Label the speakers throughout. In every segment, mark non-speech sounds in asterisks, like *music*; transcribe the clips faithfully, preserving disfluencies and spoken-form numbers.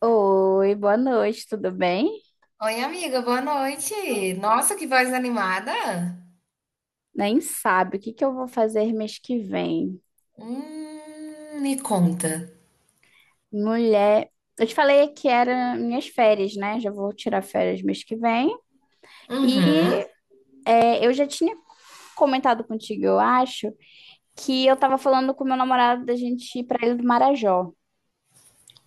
Speaker 1: Oi, boa noite, tudo bem?
Speaker 2: Oi, amiga, boa noite. Nossa, que voz animada.
Speaker 1: Nem sabe o que que eu vou fazer mês que vem.
Speaker 2: Hum, me conta.
Speaker 1: Mulher, eu te falei que era minhas férias, né? Já vou tirar férias mês que vem.
Speaker 2: Uhum.
Speaker 1: E é, eu já tinha comentado contigo, eu acho, que eu tava falando com meu namorado da gente ir pra Ilha do Marajó.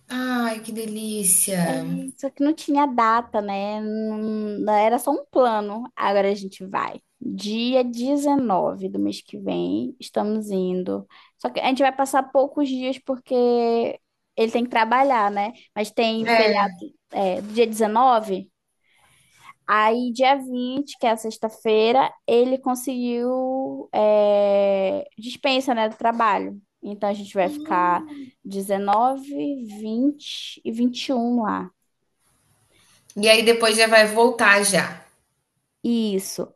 Speaker 2: Ai, que delícia.
Speaker 1: É, só que não tinha data, né? Não- era só um plano. Agora a gente vai. Dia dezenove do mês que vem, estamos indo. Só que a gente vai passar poucos dias porque ele tem que trabalhar, né? Mas tem o feriado,
Speaker 2: É.
Speaker 1: é, do dia dezenove. Aí, dia vinte, que é a sexta-feira, ele conseguiu, é, dispensa, né, do trabalho. Então a gente vai ficar dezenove, vinte e vinte e um lá.
Speaker 2: E aí depois já vai voltar já.
Speaker 1: Isso.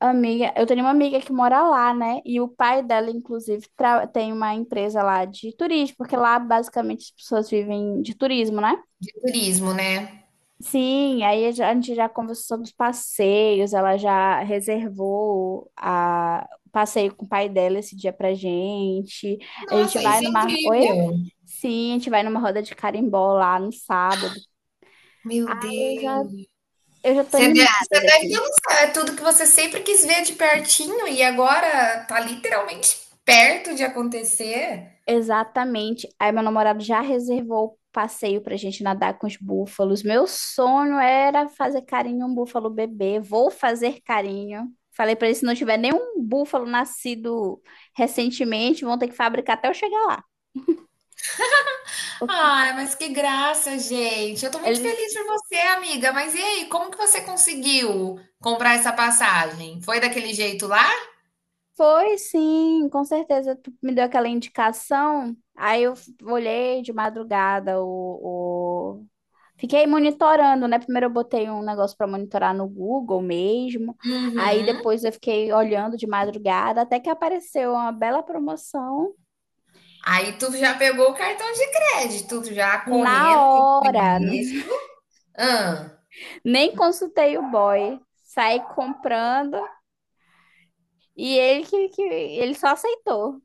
Speaker 1: Amiga, eu tenho uma amiga que mora lá, né? E o pai dela, inclusive, tra- tem uma empresa lá de turismo, porque lá basicamente as pessoas vivem de turismo, né?
Speaker 2: De turismo, né?
Speaker 1: Sim, aí a gente a gente já conversou sobre os passeios, ela já reservou a o passeio com o pai dela esse dia pra gente. A gente
Speaker 2: Nossa,
Speaker 1: vai
Speaker 2: isso é
Speaker 1: numa. Oi?
Speaker 2: incrível.
Speaker 1: Sim, a gente vai numa roda de carimbó lá no sábado.
Speaker 2: Meu
Speaker 1: Aí eu já,
Speaker 2: Deus.
Speaker 1: eu já tô
Speaker 2: Você deve,
Speaker 1: animada
Speaker 2: você deve ter
Speaker 1: daqui.
Speaker 2: um- é tudo que você sempre quis ver de pertinho e agora tá literalmente perto de acontecer.
Speaker 1: Exatamente. Aí meu namorado já reservou o passeio pra gente nadar com os búfalos. Meu sonho era fazer carinho em um búfalo bebê. Vou fazer carinho. Falei pra ele, se não tiver nenhum búfalo nascido recentemente, vão ter que fabricar até eu chegar lá.
Speaker 2: Ai, mas que graça, gente. Eu tô muito
Speaker 1: Ele
Speaker 2: feliz por você, amiga. Mas e aí, como que você conseguiu comprar essa passagem? Foi daquele jeito lá?
Speaker 1: foi sim, com certeza. Tu me deu aquela indicação. Aí eu f- olhei de madrugada o, fiquei monitorando, né? Primeiro eu botei um negócio para monitorar no Google mesmo. Aí
Speaker 2: Uhum.
Speaker 1: depois eu fiquei olhando de madrugada até que apareceu uma bela promoção
Speaker 2: Aí tu já pegou o cartão de crédito, tu já
Speaker 1: na
Speaker 2: correndo, que eu te
Speaker 1: hora.
Speaker 2: conheço. Ah,
Speaker 1: Nem consultei o boy. Saí comprando e ele que, que ele só aceitou.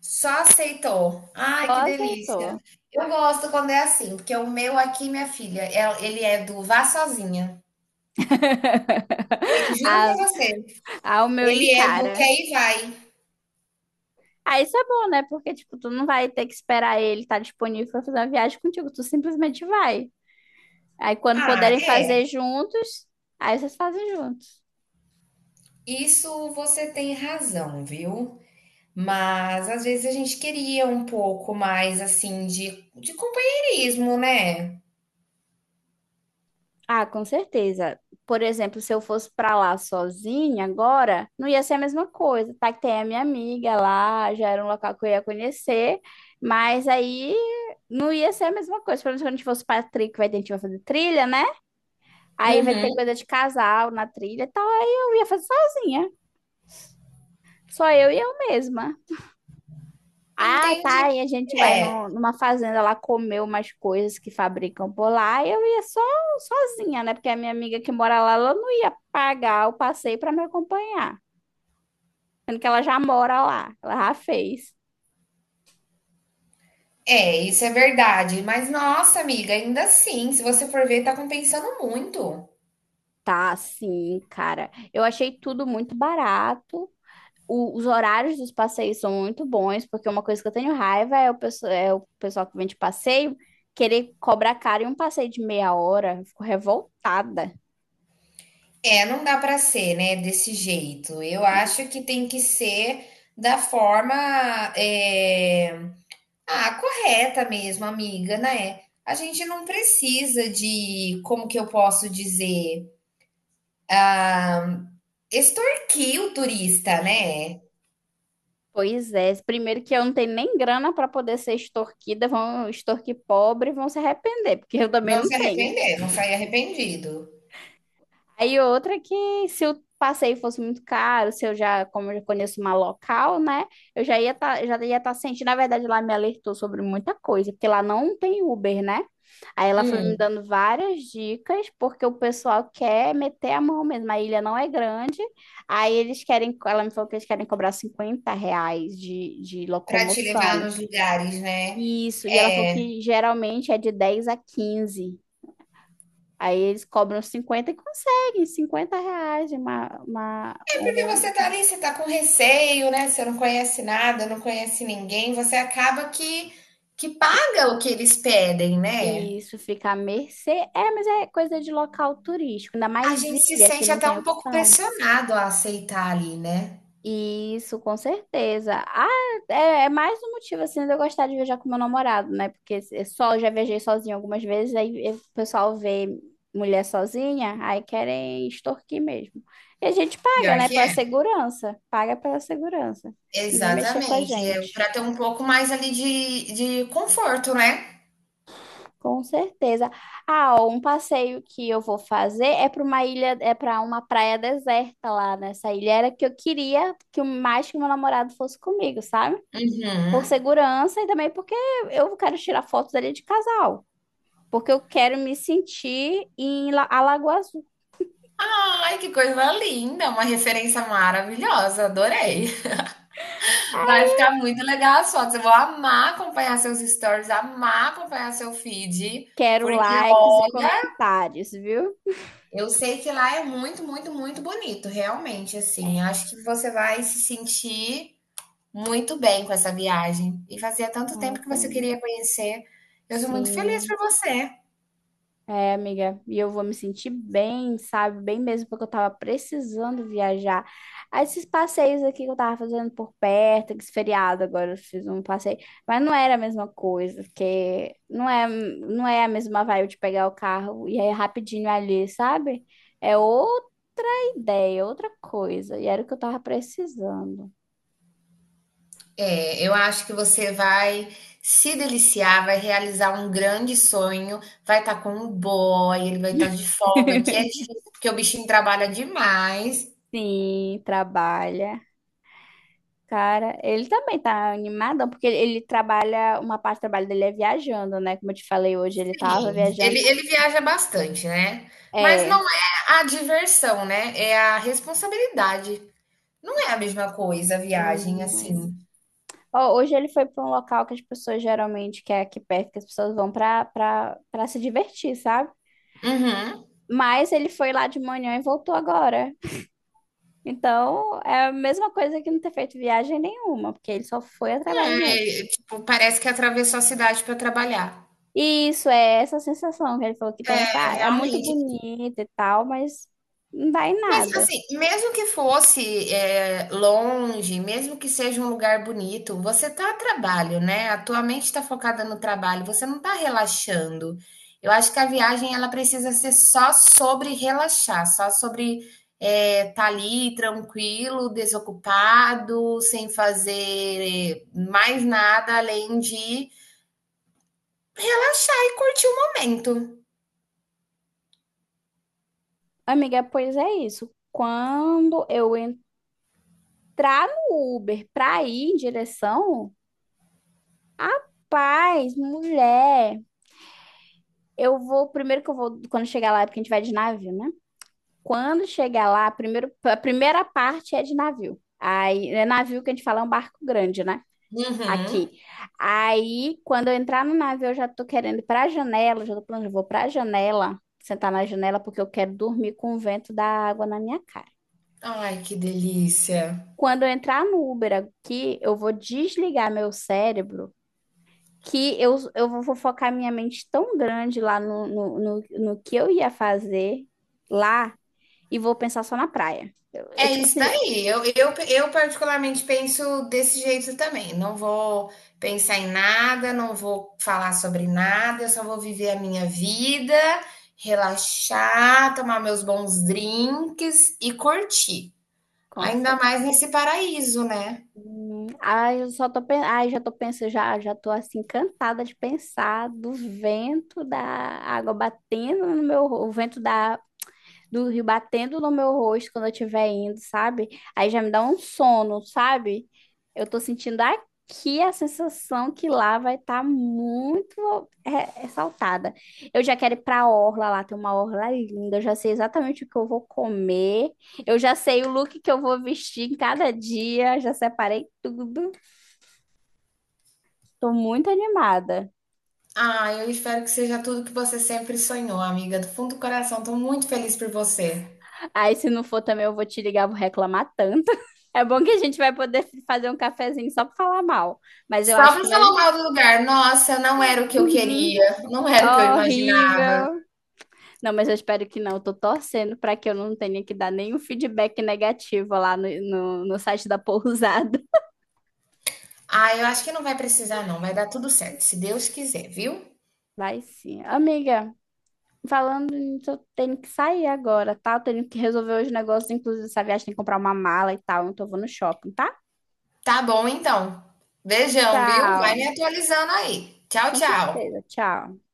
Speaker 2: só aceitou.
Speaker 1: Só
Speaker 2: Ai, que delícia.
Speaker 1: aceitou.
Speaker 2: Eu gosto quando é assim, porque o meu aqui, minha filha, é- ele é do vá sozinha. E- juro
Speaker 1: A,
Speaker 2: pra você,
Speaker 1: Ao meu
Speaker 2: ele é do
Speaker 1: encara.
Speaker 2: quer e vai.
Speaker 1: Ah, isso é bom, né? Porque, tipo, tu não vai ter que esperar ele estar disponível para fazer uma viagem contigo. Tu simplesmente vai. Aí quando
Speaker 2: Ah,
Speaker 1: puderem
Speaker 2: é.
Speaker 1: fazer juntos, aí vocês fazem juntos.
Speaker 2: Isso você tem razão, viu? Mas às vezes a gente queria um pouco mais assim de, de companheirismo, né?
Speaker 1: Ah, com certeza. Por exemplo, se eu fosse pra lá sozinha agora, não ia ser a mesma coisa, tá? Que tem a minha amiga lá, já era um local que eu ia conhecer, mas aí não ia ser a mesma coisa. Pelo menos quando a gente fosse pra trilha, que vai ter, a gente vai fazer trilha, né? Aí vai
Speaker 2: Uhum,
Speaker 1: ter coisa de casal na trilha e tal, aí eu ia fazer sozinha. Só eu e eu mesma. Ah,
Speaker 2: entendi.
Speaker 1: tá. E a gente vai
Speaker 2: É,
Speaker 1: no- numa fazenda lá comer umas coisas que fabricam por lá. E eu ia só sozinha, né? Porque a minha amiga que mora lá, ela não ia pagar o passeio para me acompanhar. Sendo que ela já mora lá, ela já fez.
Speaker 2: é, isso é verdade. Mas nossa, amiga, ainda assim, se você for ver, tá compensando muito.
Speaker 1: Tá, sim, cara. Eu achei tudo muito barato. O- os horários dos passeios são muito bons, porque uma coisa que eu tenho raiva é o, pesso- é o pessoal que vem de passeio querer cobrar caro em um passeio de meia hora. Eu fico revoltada.
Speaker 2: É, não dá pra ser, né, desse jeito. Eu acho que tem que ser da forma, é, ah, correta mesmo, amiga, né? A gente não precisa de, como que eu posso dizer, extorquir o turista, né?
Speaker 1: Pois é, primeiro que eu não tenho nem grana para poder ser extorquida, vão extorquir pobre, e vão se arrepender, porque eu também
Speaker 2: Não
Speaker 1: não
Speaker 2: se
Speaker 1: tenho.
Speaker 2: arrepender, não sair arrependido.
Speaker 1: Aí outra que se o passeio fosse muito caro, se eu já, como eu já conheço uma local, né, eu já ia tá, já ia estar sentindo, na verdade lá me alertou sobre muita coisa, porque lá não tem Uber, né? Aí ela foi me
Speaker 2: Hum,
Speaker 1: dando várias dicas, porque o pessoal quer meter a mão mesmo, a ilha não é grande, aí eles querem, ela me falou que eles querem cobrar cinquenta reais de, de
Speaker 2: para te levar
Speaker 1: locomoção.
Speaker 2: nos lugares, né?
Speaker 1: Isso, e ela falou que geralmente é de dez a quinze. Aí eles cobram cinquenta e conseguem cinquenta reais de uma, uma,
Speaker 2: É porque
Speaker 1: um-
Speaker 2: você tá ali, você tá com receio, né? Você não conhece nada, não conhece ninguém, você acaba que que paga o que eles pedem, né?
Speaker 1: Isso fica à mercê. É, mas é coisa de local turístico, ainda
Speaker 2: A
Speaker 1: mais
Speaker 2: gente se
Speaker 1: ilha que
Speaker 2: sente
Speaker 1: não
Speaker 2: até
Speaker 1: tem
Speaker 2: um pouco
Speaker 1: opção.
Speaker 2: pressionado a aceitar ali, né?
Speaker 1: Isso, com certeza. Ah, é, é mais um motivo assim de eu gostar de viajar com meu namorado, né? Porque se- só eu já viajei sozinha algumas vezes, aí eh, o pessoal vê mulher sozinha, aí querem extorquir mesmo. E a gente paga,
Speaker 2: Pior
Speaker 1: né?
Speaker 2: que
Speaker 1: Pela
Speaker 2: é.
Speaker 1: segurança. Paga pela segurança. Ninguém mexer com a
Speaker 2: Exatamente, é
Speaker 1: gente.
Speaker 2: pra ter um pouco mais ali de de conforto, né.
Speaker 1: Com certeza. Ah, ó, um passeio que eu vou fazer é para uma ilha, é para uma praia deserta lá nessa ilha. Era que eu queria que o mais que meu namorado fosse comigo, sabe? Por
Speaker 2: Uhum.
Speaker 1: segurança e também porque eu quero tirar fotos ali de casal, porque eu quero me sentir em La- Alagoas.
Speaker 2: Ai, que coisa linda, uma referência maravilhosa, adorei. Vai ficar muito legal as fotos, eu vou amar acompanhar seus stories, amar acompanhar seu feed,
Speaker 1: Quero
Speaker 2: porque
Speaker 1: likes e
Speaker 2: olha,
Speaker 1: comentários, viu?
Speaker 2: eu sei que lá é muito, muito, muito bonito, realmente, assim, acho que você vai se sentir muito bem com essa viagem, e fazia tanto
Speaker 1: Ah,
Speaker 2: tempo que você
Speaker 1: também.
Speaker 2: queria conhecer, eu sou muito feliz
Speaker 1: Sim.
Speaker 2: por você.
Speaker 1: É, amiga, e eu vou me sentir bem, sabe? Bem mesmo, porque eu tava precisando viajar. Ah, esses passeios aqui que eu tava fazendo por perto, esse feriado agora eu fiz um passeio, mas não era a mesma coisa, porque não é, não é a mesma vibe de pegar o carro e aí é rapidinho ali, sabe? É outra ideia, outra coisa, e era o que eu tava precisando.
Speaker 2: É, eu acho que você vai se deliciar, vai realizar um grande sonho, vai estar com um boy, ele vai estar de folga, que é difícil,
Speaker 1: *laughs*
Speaker 2: porque o bichinho trabalha demais.
Speaker 1: Sim, trabalha. Cara, ele também tá animadão, porque ele, ele trabalha, uma parte do trabalho dele é viajando, né? Como eu te falei hoje, ele tava
Speaker 2: Sim,
Speaker 1: viajando.
Speaker 2: ele, ele viaja bastante, né? Mas não
Speaker 1: É.
Speaker 2: é a diversão, né? É a responsabilidade. Não é a mesma coisa a viagem,
Speaker 1: Hum, é.
Speaker 2: assim.
Speaker 1: Ó, hoje ele foi pra um local que as pessoas geralmente, que é aqui perto, que as pessoas vão pra, pra, pra se divertir, sabe?
Speaker 2: Uhum.
Speaker 1: Mas ele foi lá de manhã e voltou agora. Então, é a mesma coisa que não ter feito viagem nenhuma, porque ele só foi a trabalho mesmo.
Speaker 2: É, tipo, parece que atravessou a cidade para trabalhar.
Speaker 1: E isso é essa sensação que ele falou que tem. Fala, "Ah, é muito
Speaker 2: Realmente.
Speaker 1: bonito e tal, mas não dá em
Speaker 2: Mas
Speaker 1: nada."
Speaker 2: assim, mesmo que fosse, eh, longe, mesmo que seja um lugar bonito, você tá a trabalho, né, a tua mente tá focada no trabalho, você não tá relaxando. Eu acho que a viagem ela precisa ser só sobre relaxar, só sobre, eh, tá ali tranquilo, desocupado, sem fazer mais nada além de relaxar e curtir o momento.
Speaker 1: Amiga, pois é isso. Quando eu entrar no Uber pra ir em direção, rapaz, mulher, eu vou. Primeiro que eu vou. Quando chegar lá, é porque a gente vai de navio, né? Quando chegar lá, primeiro, a primeira parte é de navio. Aí, é navio que a gente fala é um barco grande, né?
Speaker 2: Uhum.
Speaker 1: Aqui. Aí, quando eu entrar no navio, eu já tô querendo ir pra janela, já tô planejando, eu vou pra janela, sentar na janela, porque eu quero dormir com o vento da água na minha cara.
Speaker 2: Ai, que delícia.
Speaker 1: Quando eu entrar no Uber aqui, eu vou desligar meu cérebro, que eu, eu vou focar minha mente tão grande lá no, no, no, no que eu ia fazer lá e vou pensar só na praia. Eu- É
Speaker 2: É
Speaker 1: tipo
Speaker 2: isso
Speaker 1: assim,
Speaker 2: daí. Eu, eu, eu particularmente penso desse jeito também. Não vou pensar em nada, não vou falar sobre nada, eu só vou viver a minha vida, relaxar, tomar meus bons drinks e curtir.
Speaker 1: com
Speaker 2: Ainda
Speaker 1: certeza.
Speaker 2: mais nesse paraíso, né?
Speaker 1: Hum, Ai, eu só tô, pen- ai, já tô pensando, já, já tô assim, encantada de pensar do vento da água batendo no meu, o vento da do rio batendo no meu rosto quando eu estiver indo, sabe? Aí já me dá um sono, sabe? Eu tô sentindo aqui a sensação que lá vai estar muito re- ressaltada. Eu já quero ir pra orla lá, tem uma orla linda, eu já sei exatamente o que eu vou comer, eu já sei o look que eu vou vestir em cada dia, já separei tudo. Tô muito animada.
Speaker 2: Ah, eu espero que seja tudo que você sempre sonhou, amiga. Do fundo do coração, estou muito feliz por você.
Speaker 1: Aí, se não for também, eu vou te ligar, vou reclamar tanto. *laughs* É bom que a gente vai poder fazer um cafezinho só pra falar mal. Mas eu
Speaker 2: Só
Speaker 1: acho
Speaker 2: para
Speaker 1: que vai.
Speaker 2: falar mal do lugar, nossa, não era o que eu
Speaker 1: Uhum.
Speaker 2: queria, não era o que eu imaginava.
Speaker 1: Horrível. Não, mas eu espero que não. Eu tô torcendo pra que eu não tenha que dar nenhum feedback negativo lá no, no, no site da pousada.
Speaker 2: Ah, eu acho que não vai precisar, não. Vai dar tudo certo, se Deus quiser, viu?
Speaker 1: *laughs* Vai sim. Amiga, falando nisso, eu tenho que sair agora, tá? Eu tenho que resolver os negócios, inclusive essa viagem, tem que comprar uma mala e tal. Então eu vou no shopping, tá?
Speaker 2: Tá bom, então. Beijão, viu? Vai me
Speaker 1: Tchau.
Speaker 2: atualizando aí. Tchau,
Speaker 1: Com
Speaker 2: tchau.
Speaker 1: certeza, tchau.